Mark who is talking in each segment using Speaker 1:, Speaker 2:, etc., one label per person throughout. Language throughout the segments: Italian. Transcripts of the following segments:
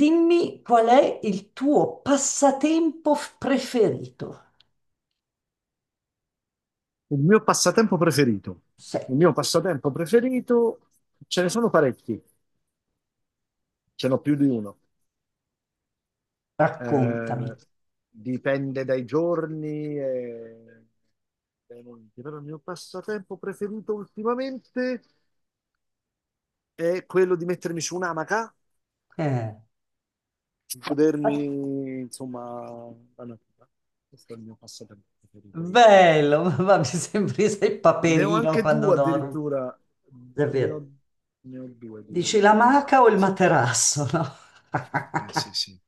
Speaker 1: Dimmi qual è il tuo passatempo preferito.
Speaker 2: Il mio passatempo preferito. Il
Speaker 1: Se,
Speaker 2: mio passatempo preferito, ce ne sono parecchi, ce n'ho più di uno.
Speaker 1: Raccontami.
Speaker 2: Eh, Dipende dai giorni e dai momenti. Però il mio passatempo preferito ultimamente è quello di mettermi su un'amaca,
Speaker 1: Eh,
Speaker 2: di godermi,
Speaker 1: ah,
Speaker 2: insomma, la natura. Questo è il mio passatempo preferito ultimamente.
Speaker 1: bello, ma mi sembri sei
Speaker 2: Ne ho
Speaker 1: Paperino
Speaker 2: anche
Speaker 1: quando
Speaker 2: due
Speaker 1: dormo.
Speaker 2: addirittura, ne
Speaker 1: Davvero.
Speaker 2: ho, ne ho due
Speaker 1: Dici la
Speaker 2: di
Speaker 1: maca o
Speaker 2: amache,
Speaker 1: il
Speaker 2: sì.
Speaker 1: materasso, no?
Speaker 2: Sì, sì.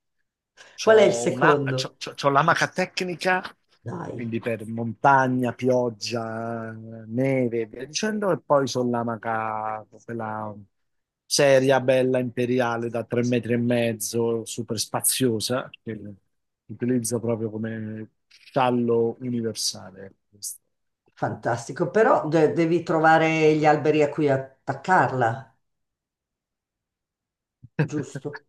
Speaker 1: Qual è il
Speaker 2: C'ho una- c'ho-
Speaker 1: secondo?
Speaker 2: c'ho- C'ho l'amaca tecnica,
Speaker 1: Dai,
Speaker 2: quindi per montagna, pioggia, neve e via dicendo, e poi sono l'amaca, quella seria, bella, imperiale, da 3 metri e mezzo, super spaziosa, che utilizzo proprio come sciallo universale.
Speaker 1: fantastico, però devi trovare gli alberi a cui attaccarla, giusto?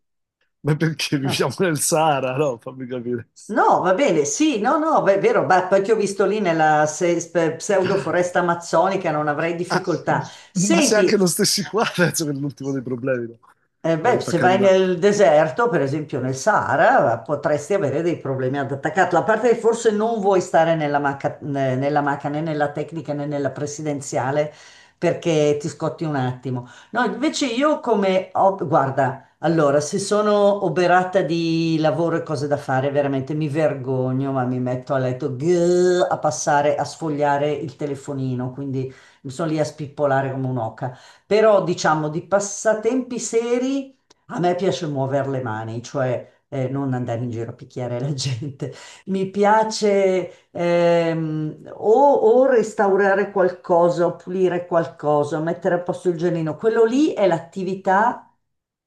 Speaker 2: Ma perché
Speaker 1: No.
Speaker 2: viviamo nel Sahara? No, fammi capire.
Speaker 1: No, va bene, sì, no, no, è vero, ma poi ti ho visto lì nella pseudo foresta amazzonica, non avrei
Speaker 2: Ah,
Speaker 1: difficoltà.
Speaker 2: ma se
Speaker 1: Senti,
Speaker 2: anche non stessi qua, penso che è l'ultimo dei problemi, no?
Speaker 1: eh
Speaker 2: Per
Speaker 1: beh, se
Speaker 2: attaccare
Speaker 1: vai
Speaker 2: una...
Speaker 1: nel deserto, per esempio nel Sahara, potresti avere dei problemi ad attaccarla. A parte che forse non vuoi stare nella macca, nella macca né nella tecnica né nella presidenziale perché ti scotti un attimo. No, invece io guarda, allora, se sono oberata di lavoro e cose da fare, veramente mi vergogno, ma mi metto a letto grrr, a passare, a sfogliare il telefonino, quindi mi sono lì a spippolare come un'oca. Però diciamo di passatempi seri a me piace muovere le mani, cioè non andare in giro a picchiare la gente. Mi piace o restaurare qualcosa, o pulire qualcosa, mettere a posto il giardino. Quello lì è l'attività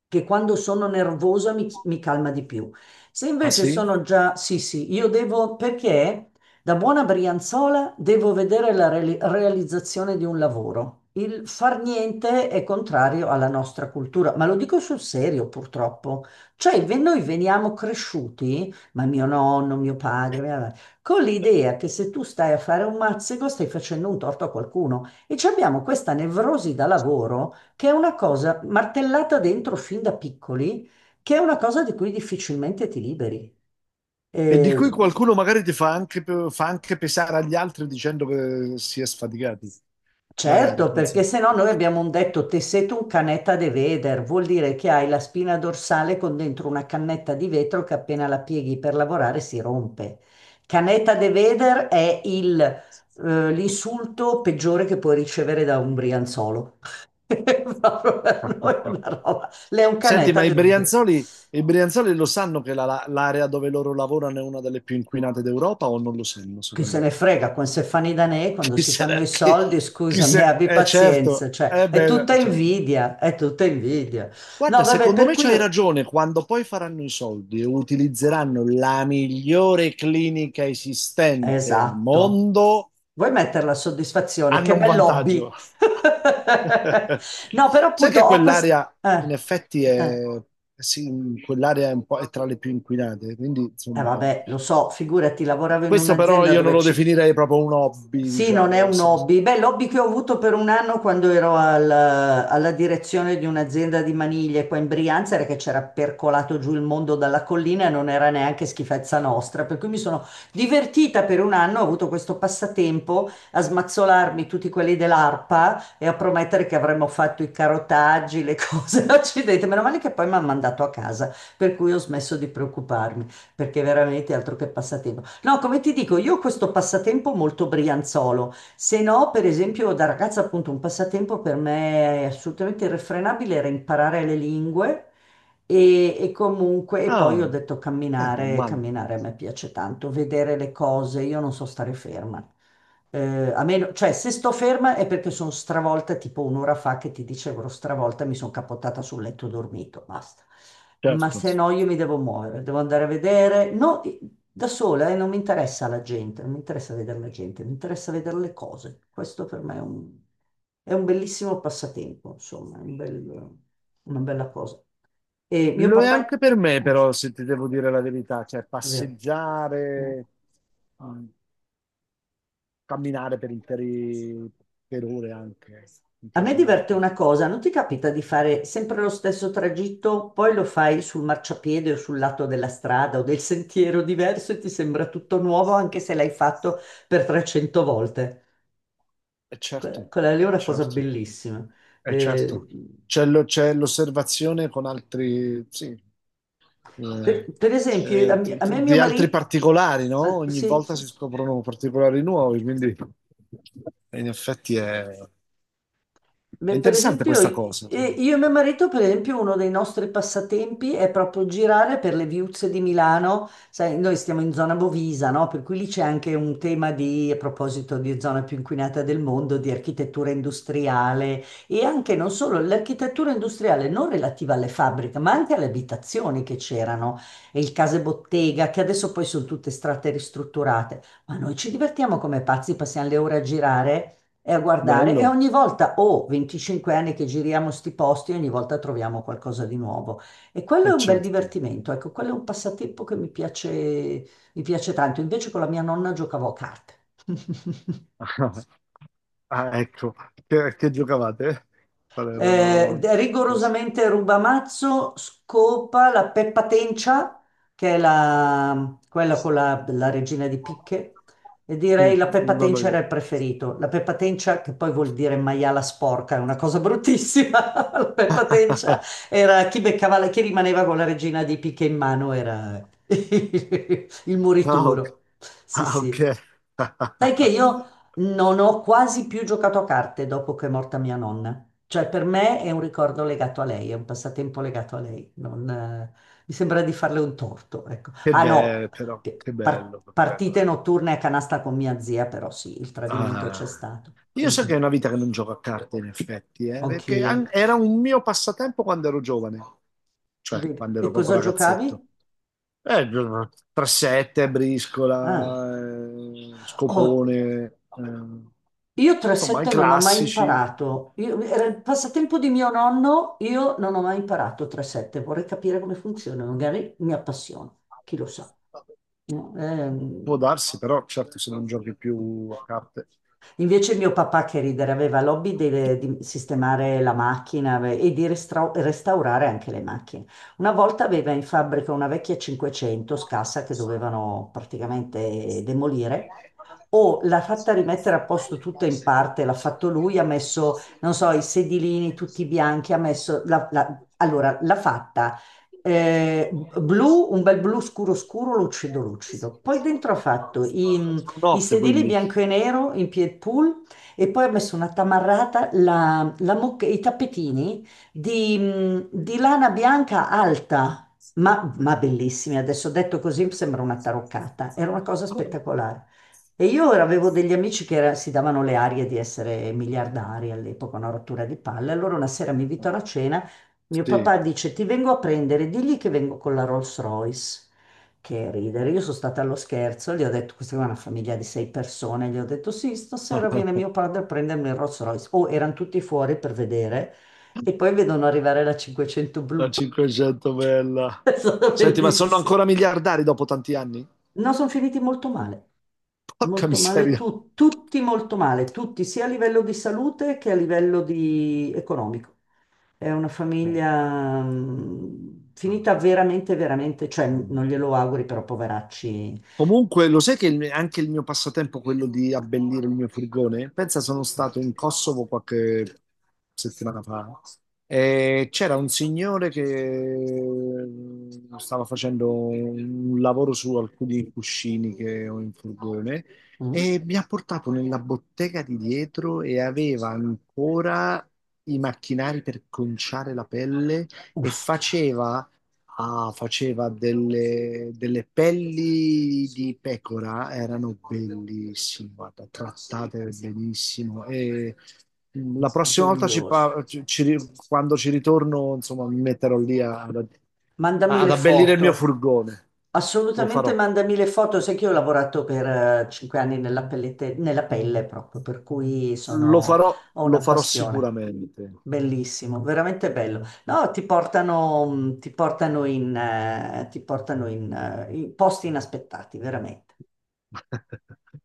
Speaker 1: che quando sono nervosa mi calma di più. Se
Speaker 2: Ah
Speaker 1: invece
Speaker 2: sì?
Speaker 1: sono già, sì, sì, io devo, perché? Da buona brianzola devo vedere la realizzazione di un lavoro. Il far niente è contrario alla nostra cultura, ma lo dico sul serio purtroppo. Cioè, noi veniamo cresciuti, ma mio nonno, mio padre, mia madre, con l'idea che se tu stai a fare un mazzego stai facendo un torto a qualcuno. E ci abbiamo questa nevrosi da lavoro che è una cosa martellata dentro fin da piccoli, che è una cosa di cui difficilmente ti liberi.
Speaker 2: E di
Speaker 1: Eh,
Speaker 2: cui qualcuno magari ti fa anche, fa anche pesare agli altri dicendo che si è sfaticati, magari,
Speaker 1: Certo,
Speaker 2: non
Speaker 1: perché
Speaker 2: so.
Speaker 1: se no noi abbiamo un detto un canetta de veder, vuol dire che hai la spina dorsale con dentro una cannetta di vetro che appena la pieghi per lavorare si rompe. Canetta de veder è l'insulto peggiore che puoi ricevere da un brianzolo. Proprio per noi è una roba. Lei è un
Speaker 2: Senti, ma
Speaker 1: canetta de veder.
Speaker 2: I Brianzoli lo sanno che l'area dove loro lavorano è una delle più inquinate d'Europa o non lo sanno,
Speaker 1: Chi se
Speaker 2: secondo
Speaker 1: ne
Speaker 2: te?
Speaker 1: frega, quando si fanno i danè, quando
Speaker 2: Chi
Speaker 1: si
Speaker 2: se ne...
Speaker 1: fanno i
Speaker 2: Chi,
Speaker 1: soldi,
Speaker 2: chi
Speaker 1: scusami,
Speaker 2: se...
Speaker 1: abbi
Speaker 2: Eh
Speaker 1: pazienza,
Speaker 2: certo,
Speaker 1: cioè
Speaker 2: eh
Speaker 1: è
Speaker 2: beh,
Speaker 1: tutta
Speaker 2: cioè,
Speaker 1: invidia, è tutta invidia. No,
Speaker 2: guarda,
Speaker 1: vabbè,
Speaker 2: secondo
Speaker 1: per
Speaker 2: me
Speaker 1: cui
Speaker 2: c'hai
Speaker 1: io.
Speaker 2: ragione, quando poi faranno i soldi e utilizzeranno la migliore clinica esistente al
Speaker 1: Esatto.
Speaker 2: mondo,
Speaker 1: Vuoi mettere la soddisfazione?
Speaker 2: hanno
Speaker 1: Che
Speaker 2: un
Speaker 1: bel hobby!
Speaker 2: vantaggio.
Speaker 1: No, però
Speaker 2: Sai
Speaker 1: appunto
Speaker 2: che
Speaker 1: ho questo...
Speaker 2: quell'area in
Speaker 1: Eh,
Speaker 2: effetti
Speaker 1: Eh,
Speaker 2: è, sì, quell'area è, un po', è tra le più inquinate, quindi insomma,
Speaker 1: vabbè, lo so, figurati, lavoravo in
Speaker 2: questo però
Speaker 1: un'azienda
Speaker 2: io non
Speaker 1: dove
Speaker 2: lo
Speaker 1: ci.
Speaker 2: definirei proprio un hobby,
Speaker 1: Sì, non è
Speaker 2: diciamo.
Speaker 1: un hobby. Beh, l'hobby che ho avuto per un anno quando ero alla direzione di un'azienda di maniglie qua in Brianza era che c'era percolato giù il mondo dalla collina e non era neanche schifezza nostra. Per cui mi sono divertita per un anno, ho avuto questo passatempo a smazzolarmi tutti quelli dell'ARPA e a promettere che avremmo fatto i carotaggi, le cose. Accidenti, meno male che poi mi hanno mandato a casa, per cui ho smesso di preoccuparmi, perché veramente altro che passatempo. No, come ti dico, io ho questo passatempo molto brianzolo. Se no, per esempio, da ragazza, appunto, un passatempo per me assolutamente irrefrenabile era imparare le lingue e comunque, e poi
Speaker 2: Ah,
Speaker 1: ho detto
Speaker 2: non
Speaker 1: camminare,
Speaker 2: male,
Speaker 1: camminare a me piace tanto, vedere le cose, io non so stare ferma. A meno, cioè, se sto ferma è perché sono stravolta, tipo un'ora fa che ti dicevo, ero stravolta, mi sono capottata sul letto e ho dormito, basta ma
Speaker 2: certo.
Speaker 1: se no io mi devo muovere, devo andare a vedere. No, da sola e non mi interessa la gente, non mi interessa vedere la gente, mi interessa vedere le cose. Questo per me è un bellissimo passatempo, insomma, è un una bella cosa. E mio
Speaker 2: Lo è anche
Speaker 1: papà,
Speaker 2: per me,
Speaker 1: ah,
Speaker 2: però, se ti devo dire la verità, cioè
Speaker 1: è vero. Mm.
Speaker 2: passeggiare, mm, camminare per ore anche, mi
Speaker 1: A me
Speaker 2: piace
Speaker 1: diverte
Speaker 2: molto.
Speaker 1: una cosa, non ti capita di fare sempre lo stesso tragitto, poi lo fai sul marciapiede o sul lato della strada o del sentiero diverso e ti sembra tutto nuovo anche se l'hai fatto per 300 volte.
Speaker 2: E certo,
Speaker 1: Quella lì è una cosa
Speaker 2: certo,
Speaker 1: bellissima.
Speaker 2: e certo.
Speaker 1: Eh,
Speaker 2: C'è l'osservazione con altri, sì,
Speaker 1: per,
Speaker 2: eh,
Speaker 1: per esempio, a me e mio
Speaker 2: di altri
Speaker 1: marito,
Speaker 2: particolari, no?
Speaker 1: ah,
Speaker 2: Ogni
Speaker 1: sì,
Speaker 2: volta
Speaker 1: sì.
Speaker 2: si scoprono particolari nuovi, quindi in effetti è, è
Speaker 1: Beh, per
Speaker 2: interessante
Speaker 1: esempio,
Speaker 2: questa cosa, cioè.
Speaker 1: io e mio marito, per esempio, uno dei nostri passatempi è proprio girare per le viuzze di Milano. Sai, noi stiamo in zona Bovisa, no? Per cui lì c'è anche un tema di, a proposito di zona più inquinata del mondo, di architettura industriale e anche non solo l'architettura industriale non relativa alle fabbriche, ma anche alle abitazioni che c'erano e il case bottega, che adesso poi sono tutte strate ristrutturate. Ma noi ci divertiamo come pazzi, passiamo le ore a girare e a guardare e
Speaker 2: Bello.
Speaker 1: ogni volta, ho 25 anni che giriamo sti posti, ogni volta troviamo qualcosa di nuovo. E quello è
Speaker 2: Eh
Speaker 1: un bel
Speaker 2: certo.
Speaker 1: divertimento, ecco, quello è un passatempo che mi piace tanto. Invece con la mia nonna giocavo a carte.
Speaker 2: Ah, ecco, che giocavate? Qual erano questi?
Speaker 1: Rigorosamente Rubamazzo scopa la Peppa Tencia, che è la, quella con la regina di picche, e
Speaker 2: Mm,
Speaker 1: direi la Peppa
Speaker 2: Non ho
Speaker 1: Tencia era
Speaker 2: idea.
Speaker 1: il preferito. La Peppa Tencia, che poi vuol dire maiala sporca, è una cosa bruttissima. La Peppa Tencia era chi beccava, chi rimaneva con la regina di picche in mano era il
Speaker 2: Ah, ok.
Speaker 1: morituro. Sì,
Speaker 2: Ah, ok.
Speaker 1: sì. Sai che io non ho quasi più giocato a carte dopo che è morta mia nonna. Cioè, per me è un ricordo legato a lei, è un passatempo legato a lei. Non, mi sembra di farle un torto, ecco.
Speaker 2: Che
Speaker 1: Ah
Speaker 2: bello,
Speaker 1: no,
Speaker 2: però,
Speaker 1: che
Speaker 2: che bello,
Speaker 1: partite
Speaker 2: eh.
Speaker 1: notturne a canasta con mia zia, però sì, il tradimento c'è
Speaker 2: Ah.
Speaker 1: stato.
Speaker 2: Io
Speaker 1: Mm,
Speaker 2: so che è
Speaker 1: mm,
Speaker 2: una vita che non gioco a carte, in effetti, perché
Speaker 1: Anch'io.
Speaker 2: era un mio passatempo quando ero giovane, cioè
Speaker 1: Vedi.
Speaker 2: quando
Speaker 1: E
Speaker 2: ero proprio
Speaker 1: cosa
Speaker 2: ragazzetto.
Speaker 1: giocavi?
Speaker 2: Eh, 3-7,
Speaker 1: Ah.
Speaker 2: briscola,
Speaker 1: Oh,
Speaker 2: scopone,
Speaker 1: io
Speaker 2: insomma i
Speaker 1: 3-7 non ho mai
Speaker 2: classici.
Speaker 1: imparato. Era il passatempo di mio nonno, io non ho mai imparato 3-7. Vorrei capire come funziona, magari mi appassiono, chi lo sa. No,
Speaker 2: Può darsi, però, certo, se non giochi più a carte.
Speaker 1: invece mio papà che ridere aveva l'hobby di sistemare la macchina e di restaurare anche le macchine. Una volta aveva in fabbrica una vecchia 500 scassa che dovevano praticamente demolire o l'ha fatta rimettere a posto tutta in parte, l'ha fatto lui, ha messo, non so, i sedilini tutti bianchi, ha messo, allora l'ha fatta blu, un bel blu scuro scuro, lucido lucido. Poi dentro ha fatto i
Speaker 2: Notte,
Speaker 1: sedili
Speaker 2: quindi.
Speaker 1: bianco e nero in pied pool e poi ha messo una tamarrata, i tappetini di lana bianca alta. Ma bellissimi, adesso detto così sembra una taroccata, era una cosa spettacolare. E io ora avevo degli amici che si davano le arie di essere miliardari all'epoca, una rottura di palle. Allora una sera mi invitano a cena, mio
Speaker 2: Sì,
Speaker 1: papà dice ti vengo a prendere, digli che vengo con la Rolls Royce. Che ridere, io sono stata allo scherzo, gli ho detto, questa è una famiglia di sei persone, gli ho detto sì, stasera viene mio padre a prendermi il Rolls Royce. Oh, erano tutti fuori per vedere e poi vedono arrivare la 500
Speaker 2: la
Speaker 1: blu,
Speaker 2: 500 bella.
Speaker 1: è stata
Speaker 2: Senti, ma sono
Speaker 1: bellissima.
Speaker 2: ancora miliardari dopo tanti anni?
Speaker 1: No, sono finiti
Speaker 2: Porca
Speaker 1: molto male,
Speaker 2: miseria.
Speaker 1: tutti molto male, tutti, sia a livello di salute che a livello di economico. È una famiglia
Speaker 2: Ah,
Speaker 1: finita veramente, veramente, cioè
Speaker 2: mm.
Speaker 1: non glielo auguri, però poveracci
Speaker 2: Comunque, lo sai che anche il mio passatempo, quello di abbellire il mio furgone, pensa sono
Speaker 1: noi.
Speaker 2: stato in Kosovo qualche settimana fa e c'era un signore che stava facendo un lavoro su alcuni cuscini che ho in furgone
Speaker 1: Mm?
Speaker 2: e mi ha portato nella bottega di dietro e aveva ancora i macchinari per conciare la pelle e
Speaker 1: Ustia,
Speaker 2: faceva ah, faceva delle pelli di pecora, erano bellissime, guarda, trattate benissimo. E la prossima volta, ci
Speaker 1: meraviglioso.
Speaker 2: pa- ci- ci- ri- quando ci ritorno, insomma, mi metterò
Speaker 1: Mandami
Speaker 2: ad
Speaker 1: le
Speaker 2: abbellire il mio
Speaker 1: foto.
Speaker 2: furgone. Lo
Speaker 1: Assolutamente
Speaker 2: farò,
Speaker 1: mandami le foto, sai che io ho lavorato per 5 anni nella nella pelle proprio, per cui
Speaker 2: lo
Speaker 1: sono,
Speaker 2: farò,
Speaker 1: ho una
Speaker 2: lo farò
Speaker 1: passione.
Speaker 2: sicuramente.
Speaker 1: Bellissimo, veramente bello. No, ti portano in, in posti inaspettati, veramente.